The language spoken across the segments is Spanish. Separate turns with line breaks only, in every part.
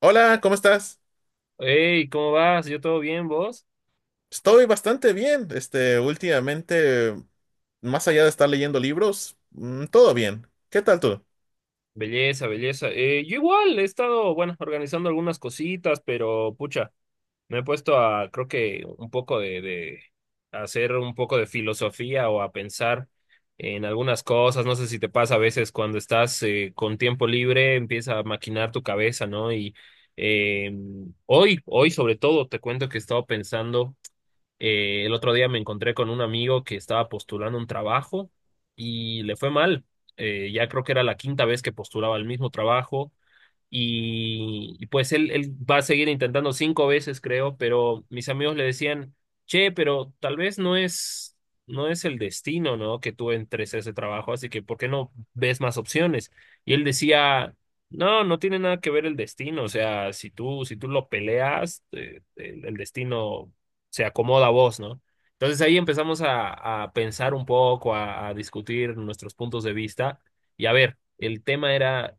Hola, ¿cómo estás?
Hey, ¿cómo vas? ¿Yo todo bien, vos?
Estoy bastante bien. Este, últimamente, más allá de estar leyendo libros, todo bien. ¿Qué tal tú?
Belleza, belleza. Yo igual he estado, bueno, organizando algunas cositas, pero pucha, me he puesto a, creo que un poco de hacer un poco de filosofía o a pensar en algunas cosas. No sé si te pasa a veces cuando estás con tiempo libre, empieza a maquinar tu cabeza, ¿no? Y eh, hoy sobre todo, te cuento que he estado pensando. El otro día me encontré con un amigo que estaba postulando un trabajo y le fue mal. Ya creo que era la quinta vez que postulaba el mismo trabajo y pues él va a seguir intentando cinco veces, creo, pero mis amigos le decían, che, pero tal vez no es el destino, ¿no? Que tú entres a ese trabajo, así que ¿por qué no ves más opciones? Y él decía, no, no tiene nada que ver el destino, o sea, si tú lo peleas, el destino se acomoda a vos, ¿no? Entonces ahí empezamos a pensar un poco, a discutir nuestros puntos de vista. Y a ver, el tema era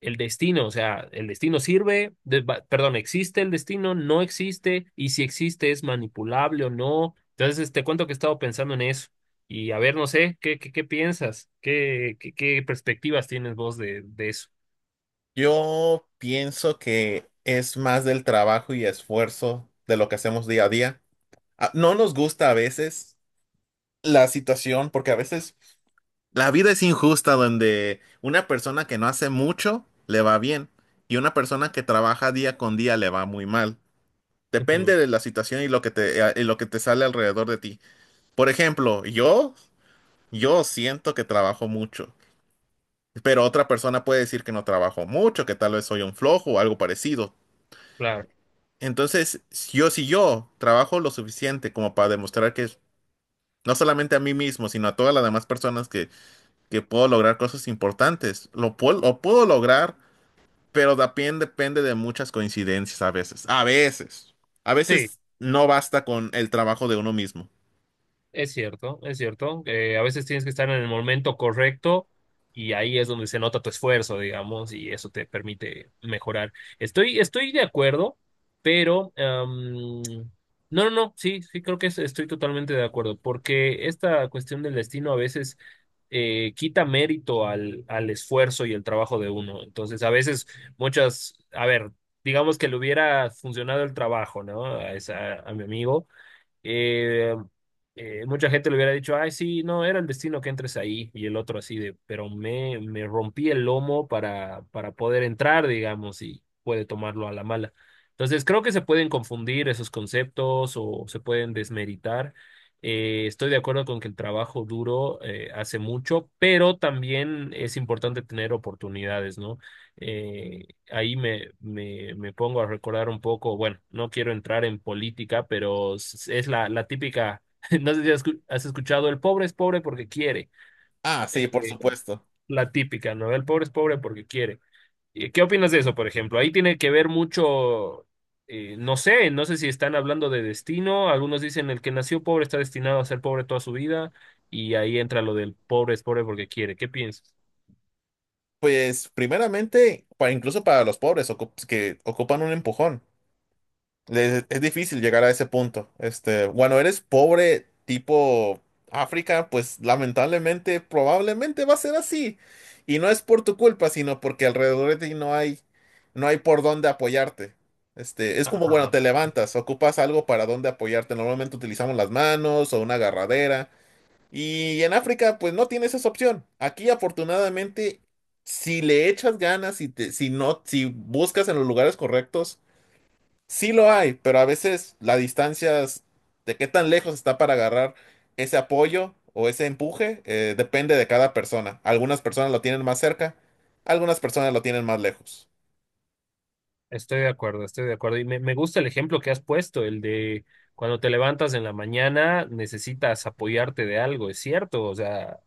el destino, o sea, el destino sirve, perdón, ¿existe el destino? ¿No existe? Y si existe, ¿es manipulable o no? Entonces, te cuento que he estado pensando en eso. Y a ver, no sé, ¿qué piensas? ¿Qué perspectivas tienes vos de eso?
Yo pienso que es más del trabajo y esfuerzo de lo que hacemos día a día. Ah, no nos gusta a veces la situación porque a veces la vida es injusta donde una persona que no hace mucho le va bien y una persona que trabaja día con día le va muy mal.
Ujú.
Depende de la situación y y lo que te sale alrededor de ti. Por ejemplo, yo siento que trabajo mucho, pero otra persona puede decir que no trabajo mucho, que tal vez soy un flojo o algo parecido.
Claro.
Entonces, si yo trabajo lo suficiente como para demostrar que no solamente a mí mismo, sino a todas las demás personas que puedo lograr cosas importantes, lo puedo lograr, pero también depende de muchas coincidencias a veces. A veces. A
Sí.
veces no basta con el trabajo de uno mismo.
Es cierto, es cierto. Que a veces tienes que estar en el momento correcto y ahí es donde se nota tu esfuerzo, digamos, y eso te permite mejorar. Estoy de acuerdo, pero no, no, no, sí, sí, creo que estoy totalmente de acuerdo, porque esta cuestión del destino a veces quita mérito al esfuerzo y el trabajo de uno. Entonces, a veces muchas, a ver, digamos que le hubiera funcionado el trabajo, ¿no? A, esa, a mi amigo. Eh, Mucha gente le hubiera dicho, ay, sí, no, era el destino que entres ahí. Y el otro así de, pero me rompí el lomo para poder entrar, digamos, y puede tomarlo a la mala. Entonces, creo que se pueden confundir esos conceptos o se pueden desmeritar. Estoy de acuerdo con que el trabajo duro hace mucho, pero también es importante tener oportunidades, ¿no? Eh, Ahí me pongo a recordar un poco, bueno, no quiero entrar en política, pero es la típica, no sé si has escuchado, el pobre es pobre porque quiere.
Ah,
Eh,
sí, por supuesto.
la típica, ¿no? El pobre es pobre porque quiere. ¿Qué opinas de eso, por ejemplo? Ahí tiene que ver mucho, no sé si están hablando de destino, algunos dicen el que nació pobre está destinado a ser pobre toda su vida, y ahí entra lo del pobre es pobre porque quiere. ¿Qué piensas?
Pues primeramente, incluso para los pobres que ocupan un empujón, es difícil llegar a ese punto. Este, bueno, eres pobre tipo África, pues lamentablemente probablemente va a ser así. Y no es por tu culpa, sino porque alrededor de ti no hay por dónde apoyarte. Este, es como, bueno, te levantas, ocupas algo para dónde apoyarte. Normalmente utilizamos las manos o una agarradera. Y en África, pues no tienes esa opción. Aquí, afortunadamente, si le echas ganas, si no, si buscas en los lugares correctos, sí lo hay, pero a veces la distancia de qué tan lejos está para agarrar ese apoyo o ese empuje, depende de cada persona. Algunas personas lo tienen más cerca, algunas personas lo tienen más lejos.
Estoy de acuerdo, estoy de acuerdo. Y me gusta el ejemplo que has puesto, el de cuando te levantas en la mañana necesitas apoyarte de algo, es cierto, o sea,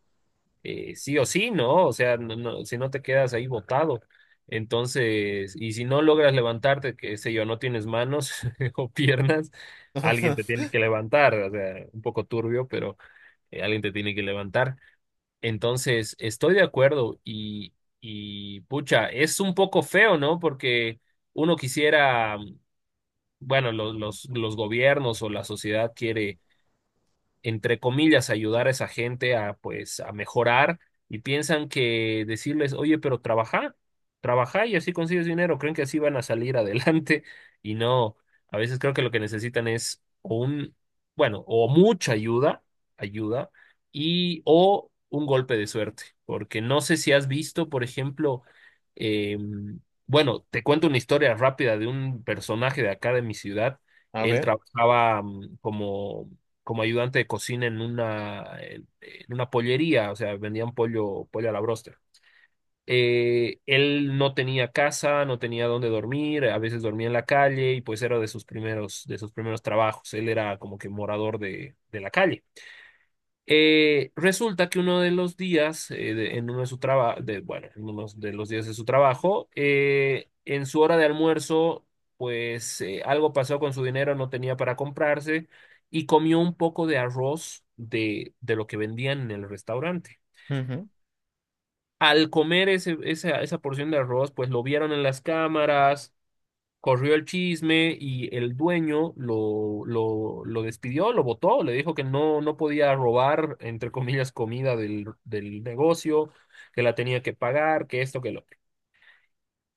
sí o sí, ¿no? O sea, no, no, si no te quedas ahí botado. Entonces, y si no logras levantarte, que sé yo, no tienes manos o piernas, alguien te tiene que levantar, o sea, un poco turbio, pero alguien te tiene que levantar. Entonces, estoy de acuerdo y pucha, es un poco feo, ¿no? Porque uno quisiera, bueno, los gobiernos o la sociedad quiere, entre comillas, ayudar a esa gente a, pues, a mejorar, y piensan que decirles, oye, pero trabaja, trabaja y así consigues dinero, creen que así van a salir adelante, y no, a veces creo que lo que necesitan es o un, bueno, o mucha ayuda, ayuda, y o un golpe de suerte, porque no sé si has visto, por ejemplo, em, bueno, te cuento una historia rápida de un personaje de acá de mi ciudad.
A
Él
ver.
trabajaba como ayudante de cocina en una pollería, o sea, vendían pollo a la broster. Él no tenía casa, no tenía dónde dormir, a veces dormía en la calle y pues era de sus primeros trabajos. Él era como que morador de la calle. Resulta que uno de los días, en uno de bueno, en uno de los días de su trabajo, en su hora de almuerzo, pues algo pasó con su dinero, no tenía para comprarse y comió un poco de arroz de lo que vendían en el restaurante.
Ujú,
Al comer esa porción de arroz, pues lo vieron en las cámaras. Corrió el chisme y el dueño lo despidió, lo botó, le dijo que no, no podía robar, entre comillas, comida del negocio, que la tenía que pagar, que esto, que lo.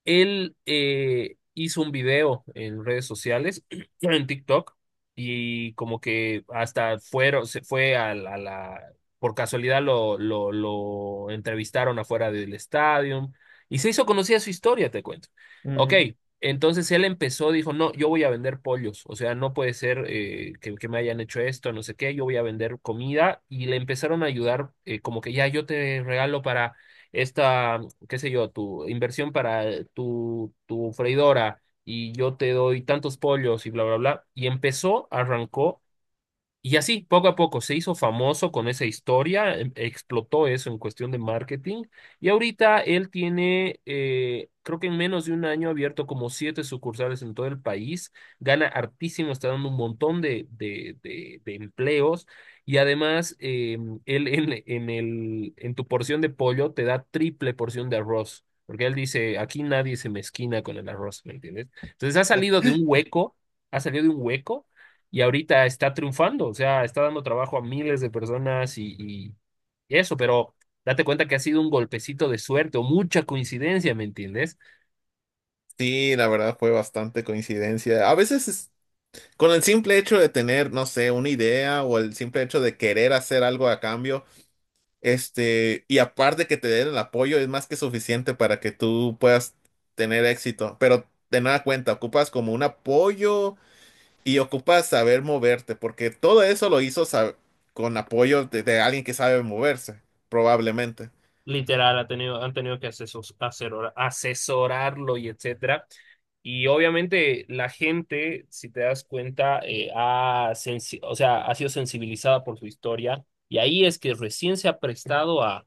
Él hizo un video en redes sociales, en TikTok, y como que hasta fueron, se fue por casualidad lo entrevistaron afuera del estadio y se hizo conocida su historia, te cuento. Ok,
ujú.
entonces él empezó, dijo, no, yo voy a vender pollos, o sea, no puede ser que me hayan hecho esto, no sé qué, yo voy a vender comida, y le empezaron a ayudar, como que ya yo te regalo para esta, qué sé yo, tu inversión para tu freidora y yo te doy tantos pollos y bla, bla, bla. Y empezó, arrancó y así, poco a poco, se hizo famoso con esa historia, explotó eso en cuestión de marketing. Y ahorita él tiene, creo que en menos de un año, ha abierto como siete sucursales en todo el país. Gana hartísimo, está dando un montón de empleos. Y además, él en tu porción de pollo te da triple porción de arroz. Porque él dice, aquí nadie se mezquina con el arroz, ¿me entiendes? Entonces ha salido de un hueco, ha salido de un hueco y ahorita está triunfando, o sea, está dando trabajo a miles de personas y eso, pero date cuenta que ha sido un golpecito de suerte o mucha coincidencia, ¿me entiendes?
Sí, la verdad fue bastante coincidencia. A veces, con el simple hecho de tener, no sé, una idea o el simple hecho de querer hacer algo a cambio, este, y aparte que te den el apoyo, es más que suficiente para que tú puedas tener éxito. Pero de nada cuenta, ocupas como un apoyo y ocupas saber moverte, porque todo eso lo hizo con apoyo de alguien que sabe moverse, probablemente.
Literal, han tenido que asesorarlo y etcétera. Y obviamente la gente, si te das cuenta, o sea, ha sido sensibilizada por su historia y ahí es que recién se ha prestado a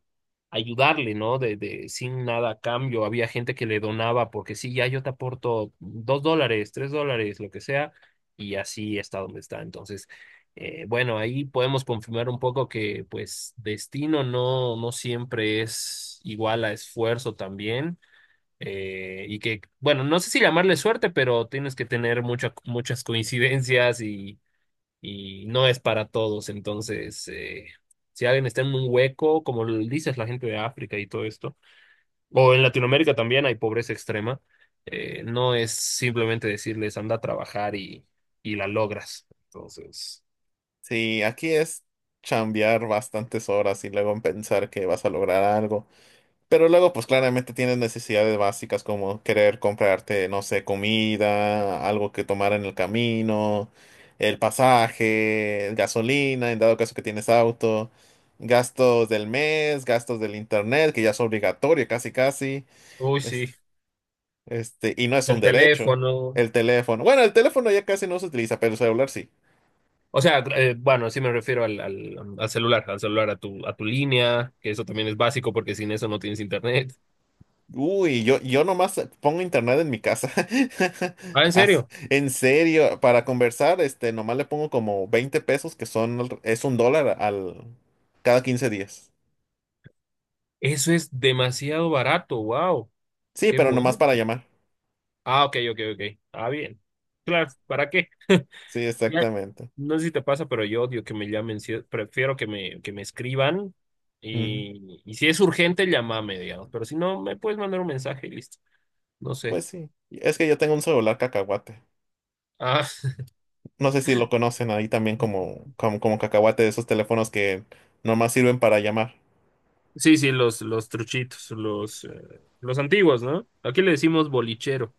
ayudarle, ¿no? Sin nada a cambio. Había gente que le donaba porque sí, ya yo te aporto $2, $3, lo que sea, y así está donde está. Entonces... Bueno, ahí podemos confirmar un poco que pues destino no, no siempre es igual a esfuerzo también, y que, bueno, no sé si llamarle suerte, pero tienes que tener muchas coincidencias y no es para todos. Entonces, si alguien está en un hueco, como lo dices, la gente de África y todo esto, o en Latinoamérica también hay pobreza extrema, no es simplemente decirles anda a trabajar y la logras. Entonces...
Sí, aquí es chambear bastantes horas y luego pensar que vas a lograr algo. Pero luego, pues claramente tienes necesidades básicas como querer comprarte, no sé, comida, algo que tomar en el camino, el pasaje, gasolina, en dado caso que tienes auto, gastos del mes, gastos del internet, que ya es obligatorio casi casi,
Uy, sí,
es- este, y no es
del
un derecho.
teléfono.
El teléfono, bueno, el teléfono ya casi no se utiliza, pero el celular sí.
O sea, bueno, sí me refiero al celular, a tu línea, que eso también es básico porque sin eso no tienes internet.
Uy, yo nomás pongo internet en mi casa.
Ah, en
As-
serio,
En serio, para conversar, este, nomás le pongo como 20 pesos, que son, es 1 dólar cada 15 días.
eso es demasiado barato, wow,
Sí,
qué
pero nomás
bueno.
para llamar.
Ah, ok, ok, ok. Ah, bien. Claro, ¿para qué?
Sí,
Ya,
exactamente.
no sé si te pasa, pero yo odio que me llamen, sí, prefiero que me escriban,
Ujú.
y si es urgente, llámame, digamos, pero si no, me puedes mandar un mensaje y listo. No sé.
Pues sí, es que yo tengo un celular cacahuate.
Ah,
No sé si lo conocen ahí también como, cacahuate de esos teléfonos que nomás sirven para llamar.
sí, sí, los truchitos, los antiguos, ¿no? Aquí le decimos bolichero.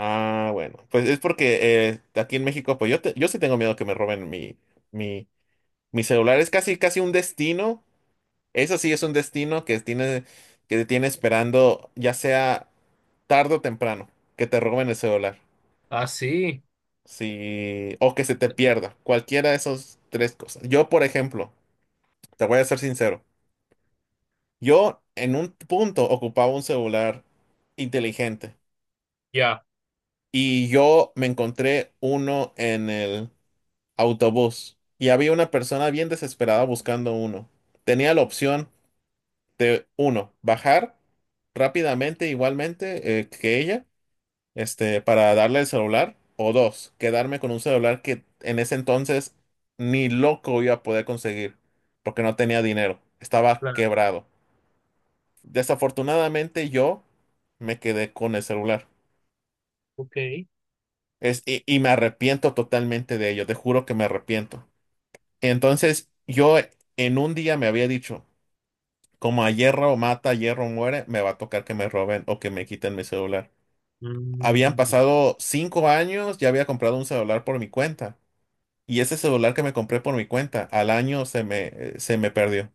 Ah, bueno, pues es porque aquí en México, pues yo sí tengo miedo que me roben mi. Mi celular es casi, casi un destino. Eso sí es un destino que tiene, que te tiene esperando, ya sea tarde o temprano, que te roben el celular.
Ah, sí.
Sí, o que se te pierda. Cualquiera de esas tres cosas. Yo, por ejemplo, te voy a ser sincero. Yo en un punto ocupaba un celular inteligente
Ya,
y yo me encontré uno en el autobús y había una persona bien desesperada buscando uno. Tenía la opción de uno, bajar rápidamente, igualmente que ella, este, para darle el celular, o dos, quedarme con un celular que en ese entonces ni loco iba a poder conseguir, porque no tenía dinero, estaba
claro.
quebrado. Desafortunadamente yo me quedé con el celular.
Ok.
Y me arrepiento totalmente de ello, te juro que me arrepiento. Entonces yo en un día me había dicho, como a hierro mata, hierro muere, me va a tocar que me roben o que me quiten mi celular. Habían
Mm,
pasado 5 años, ya había comprado un celular por mi cuenta. Y ese celular que me compré por mi cuenta, al año se me perdió.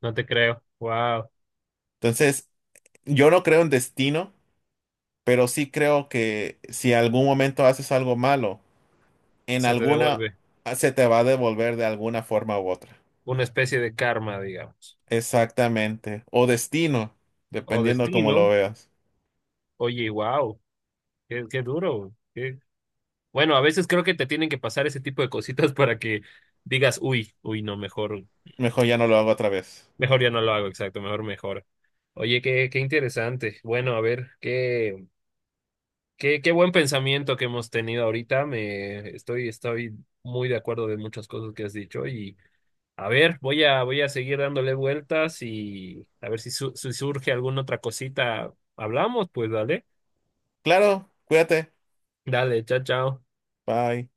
no te creo. Wow.
Entonces, yo no creo en destino, pero sí creo que si algún momento haces algo malo, en
Se te
alguna
devuelve
se te va a devolver de alguna forma u otra.
una especie de karma, digamos.
Exactamente. O destino,
O
dependiendo cómo lo
destino.
veas.
Oye, wow. Qué duro. Bueno, a veces creo que te tienen que pasar ese tipo de cositas para que digas, uy, uy, no, mejor,
Mejor ya no lo hago otra vez.
mejor ya no lo hago, exacto, mejor mejor. Oye, qué interesante. Bueno, a ver, ¿qué? Qué buen pensamiento que hemos tenido ahorita. Me estoy muy de acuerdo de muchas cosas que has dicho. Y a ver, voy a seguir dándole vueltas y a ver si surge alguna otra cosita. Hablamos, pues dale.
Claro, cuídate.
Dale, chao, chao.
Bye.